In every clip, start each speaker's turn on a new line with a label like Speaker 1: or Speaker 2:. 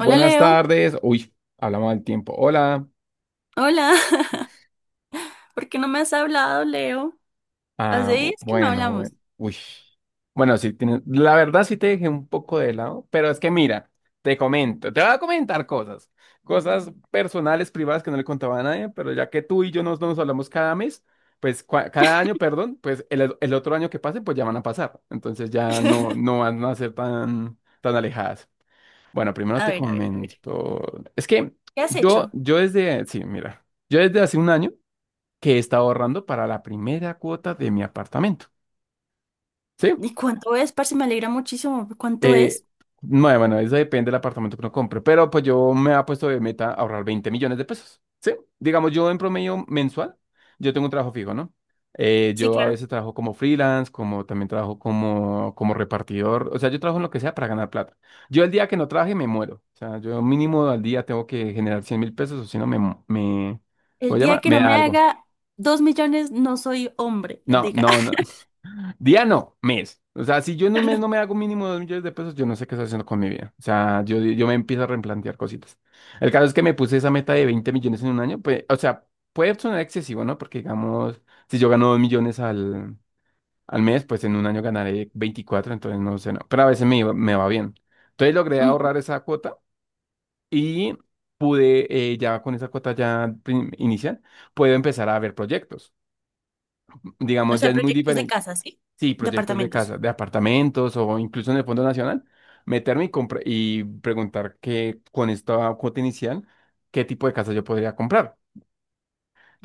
Speaker 1: Hola Leo,
Speaker 2: tardes. Hablamos del tiempo. Hola.
Speaker 1: hola. ¿Por qué no me has hablado, Leo? Hace días que no
Speaker 2: Bueno,
Speaker 1: hablamos.
Speaker 2: bueno. Uy. Bueno, sí, la verdad sí te dejé un poco de lado, pero es que mira, te voy a comentar cosas, cosas personales, privadas que no le contaba a nadie, pero ya que tú y yo nos hablamos cada mes, pues cada año, perdón, pues el otro año que pase, pues ya van a pasar. Entonces ya no van a ser tan, tan alejadas. Bueno, primero
Speaker 1: A
Speaker 2: te
Speaker 1: ver, a ver, a ver.
Speaker 2: comento. Es que
Speaker 1: ¿Qué has
Speaker 2: yo,
Speaker 1: hecho?
Speaker 2: yo mira. Yo desde hace un año que estaba ahorrando para la primera cuota de mi apartamento. ¿Sí?
Speaker 1: ¿Y cuánto es, parce? Me alegra muchísimo. ¿Cuánto
Speaker 2: Eh,
Speaker 1: es?
Speaker 2: no, bueno, eso depende del apartamento que uno compre, pero pues yo me he puesto de meta ahorrar 20 millones de pesos. ¿Sí? Digamos, yo en promedio mensual, yo tengo un trabajo fijo, ¿no?
Speaker 1: Sí,
Speaker 2: Yo a
Speaker 1: claro.
Speaker 2: veces trabajo como freelance, como también trabajo como repartidor, o sea, yo trabajo en lo que sea para ganar plata. Yo el día que no trabaje me muero, o sea, yo mínimo al día tengo que generar 100 mil pesos o si no me, ¿cómo
Speaker 1: El
Speaker 2: se llama?
Speaker 1: día que
Speaker 2: Me
Speaker 1: no
Speaker 2: da
Speaker 1: me
Speaker 2: algo.
Speaker 1: haga 2 millones, no soy hombre,
Speaker 2: No,
Speaker 1: diga.
Speaker 2: no, no, Diano, mes. O sea, si yo en un mes no me hago mínimo 2 millones de pesos, yo no sé qué estoy haciendo con mi vida. O sea, yo me empiezo a replantear cositas. El caso es que me puse esa meta de 20 millones en un año. Pues, o sea, puede sonar excesivo, ¿no? Porque, digamos, si yo gano 2 millones al mes, pues en un año ganaré 24 entonces no sé, no. Pero a veces me va bien. Entonces logré
Speaker 1: Ujú.
Speaker 2: ahorrar esa cuota y pude, ya con esa cuota ya inicial, puedo empezar a ver proyectos.
Speaker 1: O
Speaker 2: Digamos, ya
Speaker 1: sea,
Speaker 2: es muy
Speaker 1: proyectos de
Speaker 2: diferente.
Speaker 1: casa, ¿sí?
Speaker 2: Sí,
Speaker 1: De
Speaker 2: proyectos de
Speaker 1: apartamentos.
Speaker 2: casa, de apartamentos o incluso en el Fondo Nacional, meterme y preguntar que con esta cuota inicial, qué tipo de casa yo podría comprar.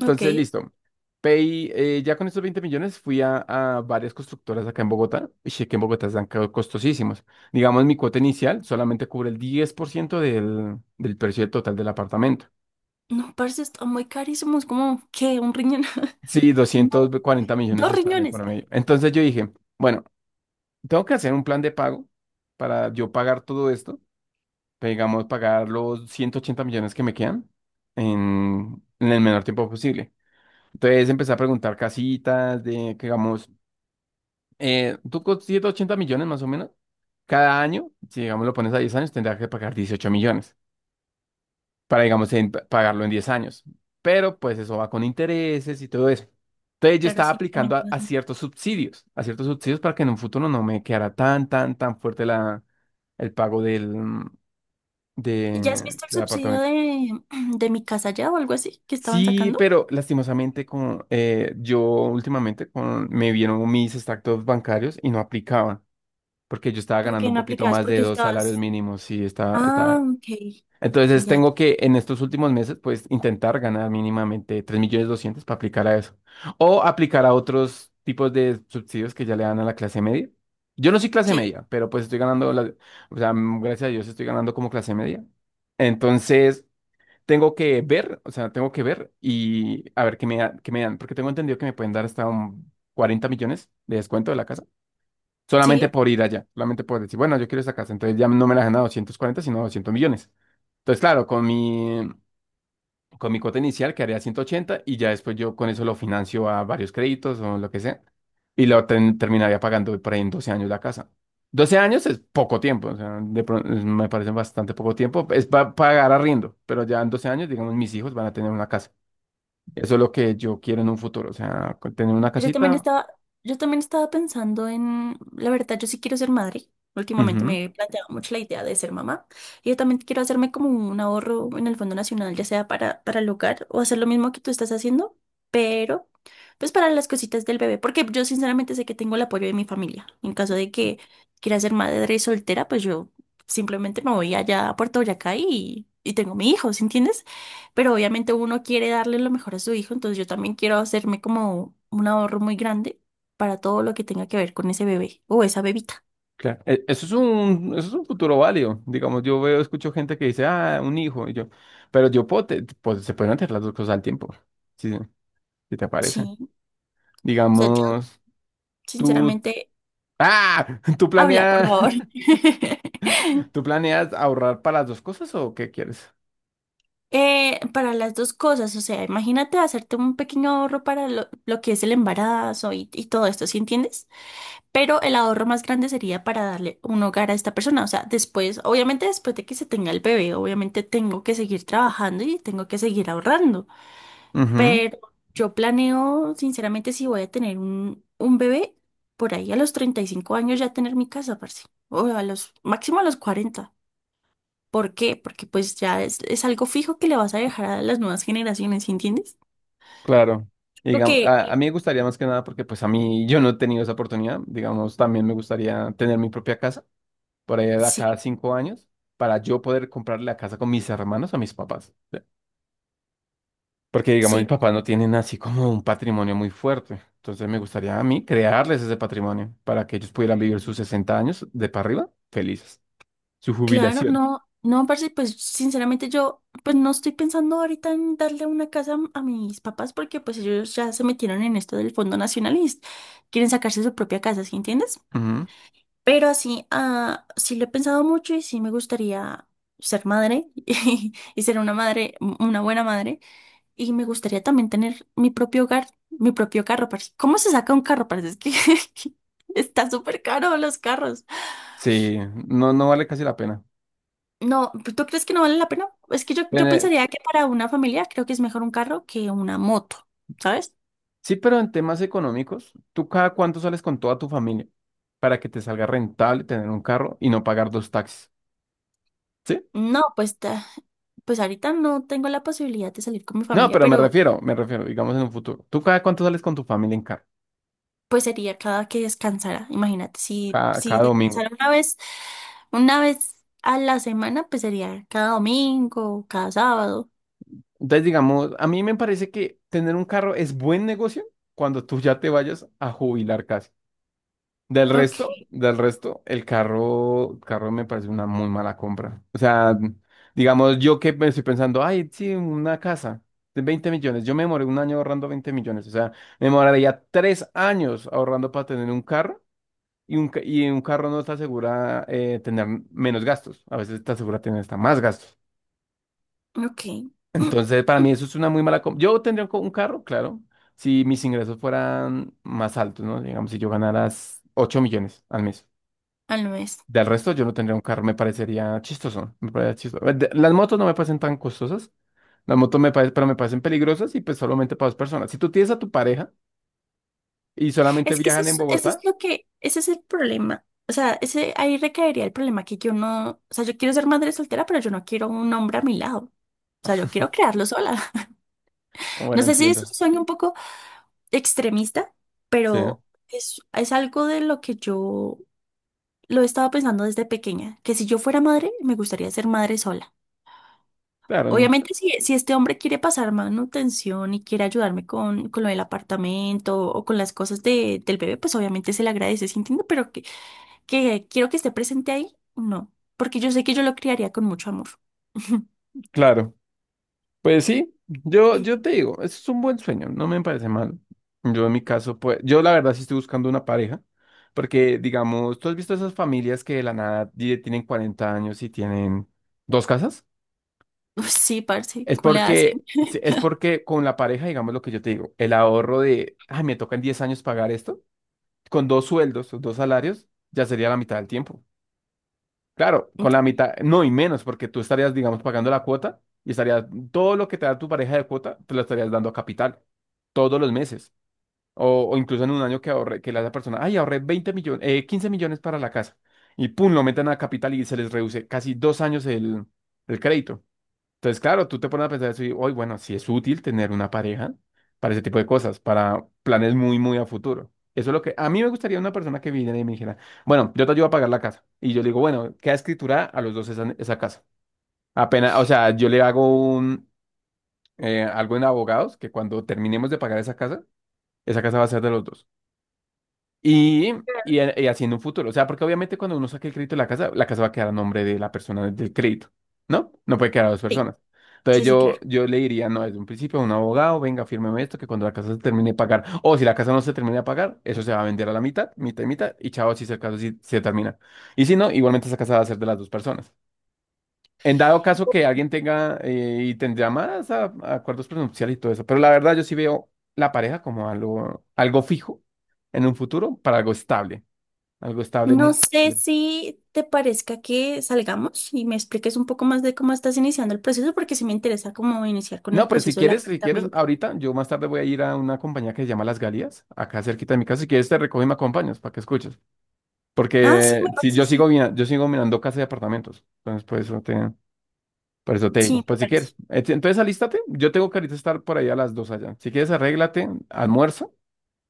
Speaker 1: Ok.
Speaker 2: listo. Pay ya con estos 20 millones fui a varias constructoras acá en Bogotá. Y sé que en Bogotá están costosísimos. Digamos, mi cuota inicial solamente cubre el 10% del precio del total del apartamento.
Speaker 1: No, parce, están muy carísimos. ¿Cómo? ¿Qué? ¿Un riñón?
Speaker 2: Sí,
Speaker 1: No,
Speaker 2: 240 millones
Speaker 1: dos
Speaker 2: están en
Speaker 1: riñones. Ah,
Speaker 2: promedio. Entonces yo dije, bueno, tengo que hacer un plan de pago para yo pagar todo esto digamos, pagar los 180 millones que me quedan en el menor tiempo posible. Entonces empecé a preguntar casitas de, que digamos, tú con 180 millones más o menos, cada año, si digamos lo pones a 10 años, tendrás que pagar 18 millones para, digamos, pagarlo en 10 años. Pero pues eso va con intereses y todo eso. Entonces yo
Speaker 1: claro,
Speaker 2: estaba
Speaker 1: sí, también.
Speaker 2: aplicando
Speaker 1: Tienes un-
Speaker 2: a ciertos subsidios para que en un futuro no me quedara tan, tan, tan fuerte el pago
Speaker 1: ¿Ya has visto el
Speaker 2: del
Speaker 1: subsidio
Speaker 2: apartamento.
Speaker 1: de, de mi casa ya o algo así que estaban
Speaker 2: Sí,
Speaker 1: sacando?
Speaker 2: pero lastimosamente yo últimamente con, me vieron mis extractos bancarios y no aplicaban, porque yo estaba
Speaker 1: ¿Por
Speaker 2: ganando
Speaker 1: qué
Speaker 2: un
Speaker 1: no
Speaker 2: poquito
Speaker 1: aplicabas?
Speaker 2: más de
Speaker 1: Porque
Speaker 2: dos salarios
Speaker 1: estabas.
Speaker 2: mínimos y está,
Speaker 1: Ah,
Speaker 2: está.
Speaker 1: ok.
Speaker 2: Entonces
Speaker 1: Ya.
Speaker 2: tengo que en estos últimos meses pues intentar ganar mínimamente 3 millones 200 para aplicar a eso. O aplicar a otros tipos de subsidios que ya le dan a la clase media. Yo no soy clase
Speaker 1: Sí,
Speaker 2: media, pero pues estoy o sea, gracias a Dios estoy ganando como clase media. Entonces tengo que ver, o sea, tengo que ver y a ver qué qué me dan, porque tengo entendido que me pueden dar hasta un 40 millones de descuento de la casa, solamente
Speaker 1: sí.
Speaker 2: por ir allá, solamente por decir, bueno, yo quiero esa casa, entonces ya no me la dan a 240, sino a 200 millones. Entonces, claro, con mi cuota inicial quedaría 180 y ya después yo con eso lo financio a varios créditos o lo que sea. Y lo terminaría pagando por ahí en 12 años la casa. 12 años es poco tiempo, o sea, me parece bastante poco tiempo. Es para pagar arriendo, pero ya en 12 años, digamos, mis hijos van a tener una casa. Eso es lo que yo quiero en un futuro, o sea, con tener una
Speaker 1: Pues yo también
Speaker 2: casita.
Speaker 1: estaba pensando en, la verdad, yo sí quiero ser madre. Últimamente
Speaker 2: Ujú,
Speaker 1: me he planteado mucho la idea de ser mamá. Y yo también quiero hacerme como un ahorro en el Fondo Nacional, ya sea para, el hogar, o hacer lo mismo que tú estás haciendo, pero pues para las cositas del bebé. Porque yo sinceramente sé que tengo el apoyo de mi familia. En caso de que quiera ser madre soltera, pues yo simplemente me voy allá a Puerto Boyacá y tengo mi hijo, ¿sí entiendes? Pero obviamente uno quiere darle lo mejor a su hijo, entonces yo también quiero hacerme como un ahorro muy grande para todo lo que tenga que ver con ese bebé o esa bebita.
Speaker 2: claro. Eso es un futuro válido. Digamos, yo veo, escucho gente que dice, ah, un hijo, y yo, pero yo puedo, pues se pueden hacer las dos cosas al tiempo. Sí, sí, si te
Speaker 1: Sí,
Speaker 2: parece.
Speaker 1: o sea, yo
Speaker 2: Digamos, tú...
Speaker 1: sinceramente,
Speaker 2: ¡Ah! ¿Tú
Speaker 1: habla, por
Speaker 2: planeas,
Speaker 1: favor.
Speaker 2: tú planeas ahorrar para las dos cosas o qué quieres?
Speaker 1: Para las dos cosas, o sea, imagínate hacerte un pequeño ahorro para lo, que es el embarazo y todo esto, ¿sí entiendes? Pero el ahorro más grande sería para darle un hogar a esta persona, o sea, después, obviamente después de que se tenga el bebé, obviamente tengo que seguir trabajando y tengo que seguir ahorrando.
Speaker 2: Ujú,
Speaker 1: Pero yo planeo, sinceramente, si voy a tener un, bebé, por ahí a los 35 años ya tener mi casa, parce. O a los, máximo a los 40. ¿Por qué? Porque pues ya es algo fijo que le vas a dejar a las nuevas generaciones, ¿sí entiendes?
Speaker 2: claro. Digamos,
Speaker 1: Porque
Speaker 2: a mí me gustaría más que nada porque pues a mí yo no he tenido esa oportunidad. Digamos, también me gustaría tener mi propia casa por ahí a cada
Speaker 1: sí,
Speaker 2: 5 años para yo poder comprarle la casa con mis hermanos a mis papás. ¿Sí? Porque digamos,
Speaker 1: sí,
Speaker 2: mis papás no tienen así como un patrimonio muy fuerte. Entonces me gustaría a mí crearles ese patrimonio para que ellos pudieran vivir sus 60 años de para arriba felices. Su
Speaker 1: claro,
Speaker 2: jubilación.
Speaker 1: no, no, parce, pues sinceramente yo pues no estoy pensando ahorita en darle una casa a mis papás, porque pues ellos ya se metieron en esto del Fondo Nacional y es- quieren sacarse su propia casa, ¿sí entiendes?
Speaker 2: Ujú.
Speaker 1: Pero así, ah, sí lo he pensado mucho y sí me gustaría ser madre y, ser una madre, una buena madre. Y me gustaría también tener mi propio hogar, mi propio carro, parce. ¿Cómo se saca un carro, parce? Es que está súper caro los carros.
Speaker 2: Sí, no, no vale casi la pena.
Speaker 1: No, ¿tú crees que no vale la pena? Es que yo,
Speaker 2: En,
Speaker 1: yo
Speaker 2: eh,
Speaker 1: pensaría que para una familia creo que es mejor un carro que una moto, ¿sabes?
Speaker 2: sí, pero en temas económicos, ¿tú cada cuánto sales con toda tu familia para que te salga rentable tener un carro y no pagar dos taxis? ¿Sí?
Speaker 1: No, pues, pues ahorita no tengo la posibilidad de salir con mi
Speaker 2: No,
Speaker 1: familia,
Speaker 2: pero
Speaker 1: pero
Speaker 2: me refiero, digamos en un futuro. ¿Tú cada cuánto sales con tu familia en carro?
Speaker 1: pues sería cada que descansara. Imagínate, si,
Speaker 2: Cada domingo.
Speaker 1: descansara una vez, una vez a la semana, pues sería cada domingo, cada sábado.
Speaker 2: Entonces, digamos, a mí me parece que tener un carro es buen negocio cuando tú ya te vayas a jubilar casi.
Speaker 1: Ok,
Speaker 2: Del resto, carro me parece una muy mala compra. O sea, digamos, yo que me estoy pensando, ay, sí, una casa de 20 millones. Yo me demoré un año ahorrando 20 millones. O sea, me demoraría 3 años ahorrando para tener un carro y y un carro no te asegura tener menos gastos. A veces te asegura tener hasta más gastos.
Speaker 1: ok.
Speaker 2: Entonces, para mí eso es una muy mala compra. Yo tendría un un carro, claro, si mis ingresos fueran más altos, ¿no? Digamos, si yo ganara 8 millones al mes.
Speaker 1: Al mes.
Speaker 2: Del resto, yo no tendría un carro, me parecería chistoso. Me parecería chistoso. Las motos no me parecen tan costosas. Las motos me parecen, pero me parecen peligrosas y pues solamente para dos personas. Si tú tienes a tu pareja y solamente
Speaker 1: Es que
Speaker 2: viajan en
Speaker 1: eso es
Speaker 2: Bogotá,
Speaker 1: lo que, ese es el problema. O sea, ese, ahí recaería el problema que yo no, o sea, yo quiero ser madre soltera, pero yo no quiero un hombre a mi lado. O sea, yo quiero crearlo sola. No
Speaker 2: bueno,
Speaker 1: sé si es
Speaker 2: entiendo.
Speaker 1: un sueño un poco extremista,
Speaker 2: Sí,
Speaker 1: pero es, algo de lo que yo lo he estado pensando desde pequeña, que si yo fuera madre, me gustaría ser madre sola.
Speaker 2: claro,
Speaker 1: Obviamente, si, este hombre quiere pasar manutención y quiere ayudarme con, lo del apartamento o con las cosas de, del bebé, pues obviamente se le agradece, ¿sí entiendo? Pero que quiero que esté presente ahí, no, porque yo sé que yo lo criaría con mucho amor.
Speaker 2: claro. Pues sí, yo te digo, eso es un buen sueño, no me parece mal. Yo en mi caso, pues, yo la verdad sí estoy buscando una pareja, porque digamos, tú has visto esas familias que de la nada tienen 40 años y tienen dos casas.
Speaker 1: Uy, sí, parce,
Speaker 2: Es
Speaker 1: ¿cómo le
Speaker 2: porque,
Speaker 1: hacen?
Speaker 2: sí, es porque con la pareja, digamos lo que yo te digo, el ahorro de, ay, me toca en 10 años pagar esto, con dos sueldos, o dos salarios, ya sería la mitad del tiempo. Claro, con la
Speaker 1: Sí,
Speaker 2: mitad, no y menos, porque tú estarías, digamos, pagando la cuota y estarías, todo lo que te da tu pareja de cuota, te lo estarías dando a capital, todos los meses. O incluso en un año que ahorre, que la persona, ay, ahorré 20 millones, 15 millones para la casa. Y pum, lo meten a capital y se les reduce casi 2 años el crédito. Entonces, claro, tú te pones a pensar eso y, hoy, bueno, sí es útil tener una pareja para ese tipo de cosas, para planes muy, muy a futuro. Eso es lo que a mí me gustaría una persona que viniera y me dijera, bueno, yo te ayudo a pagar la casa. Y yo le digo, bueno, queda escritura a los dos esa, esa casa. Apenas, o sea, yo le hago un, algo en abogados que cuando terminemos de pagar esa casa va a ser de los dos. Y, y así en un futuro. O sea, porque obviamente cuando uno saque el crédito de la casa va a quedar a nombre de la persona del crédito, ¿no? No puede quedar a dos
Speaker 1: sí,
Speaker 2: personas. Entonces
Speaker 1: sí, sí, claro.
Speaker 2: yo le diría, no, desde un principio a un abogado, venga, fírmeme esto, que cuando la casa se termine de pagar, o si la casa no se termine de pagar, eso se va a vender a la mitad, mitad y mitad, y chao, si es el caso, si se termina. Y si no, igualmente esa casa va a ser de las dos personas. En dado caso que alguien tenga y tendría más a acuerdos prenupciales y todo eso, pero la verdad yo sí veo la pareja como algo, algo fijo en un futuro para algo estable
Speaker 1: No
Speaker 2: muy
Speaker 1: sé
Speaker 2: estable.
Speaker 1: si te parezca que salgamos y me expliques un poco más de cómo estás iniciando el proceso, porque sí me interesa cómo iniciar con el
Speaker 2: No, pues si
Speaker 1: proceso del
Speaker 2: quieres, si quieres,
Speaker 1: apartamento.
Speaker 2: ahorita yo más tarde voy a ir a una compañía que se llama Las Galias, acá cerquita de mi casa. Si quieres te recojo y me acompañas para que escuches,
Speaker 1: Ah, sí, me
Speaker 2: porque si
Speaker 1: parece,
Speaker 2: yo sigo
Speaker 1: sí.
Speaker 2: yo sigo mirando casas y apartamentos, entonces por eso te
Speaker 1: Sí, me
Speaker 2: digo, pues si
Speaker 1: parece.
Speaker 2: quieres, entonces alístate. Yo tengo que ahorita estar por ahí a las dos allá. Si quieres arréglate, almuerza.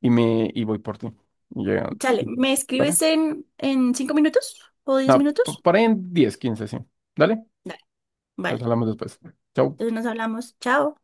Speaker 2: Y me y voy por ti. Y llega,
Speaker 1: Chale,
Speaker 2: y-
Speaker 1: ¿me
Speaker 2: ¿Dale?
Speaker 1: escribes en, 5 minutos o 10
Speaker 2: No,
Speaker 1: minutos?
Speaker 2: por ahí en 10 15 sí. Dale,
Speaker 1: Dale. Vale,
Speaker 2: pues hablamos después. Chau.
Speaker 1: entonces nos hablamos. Chao.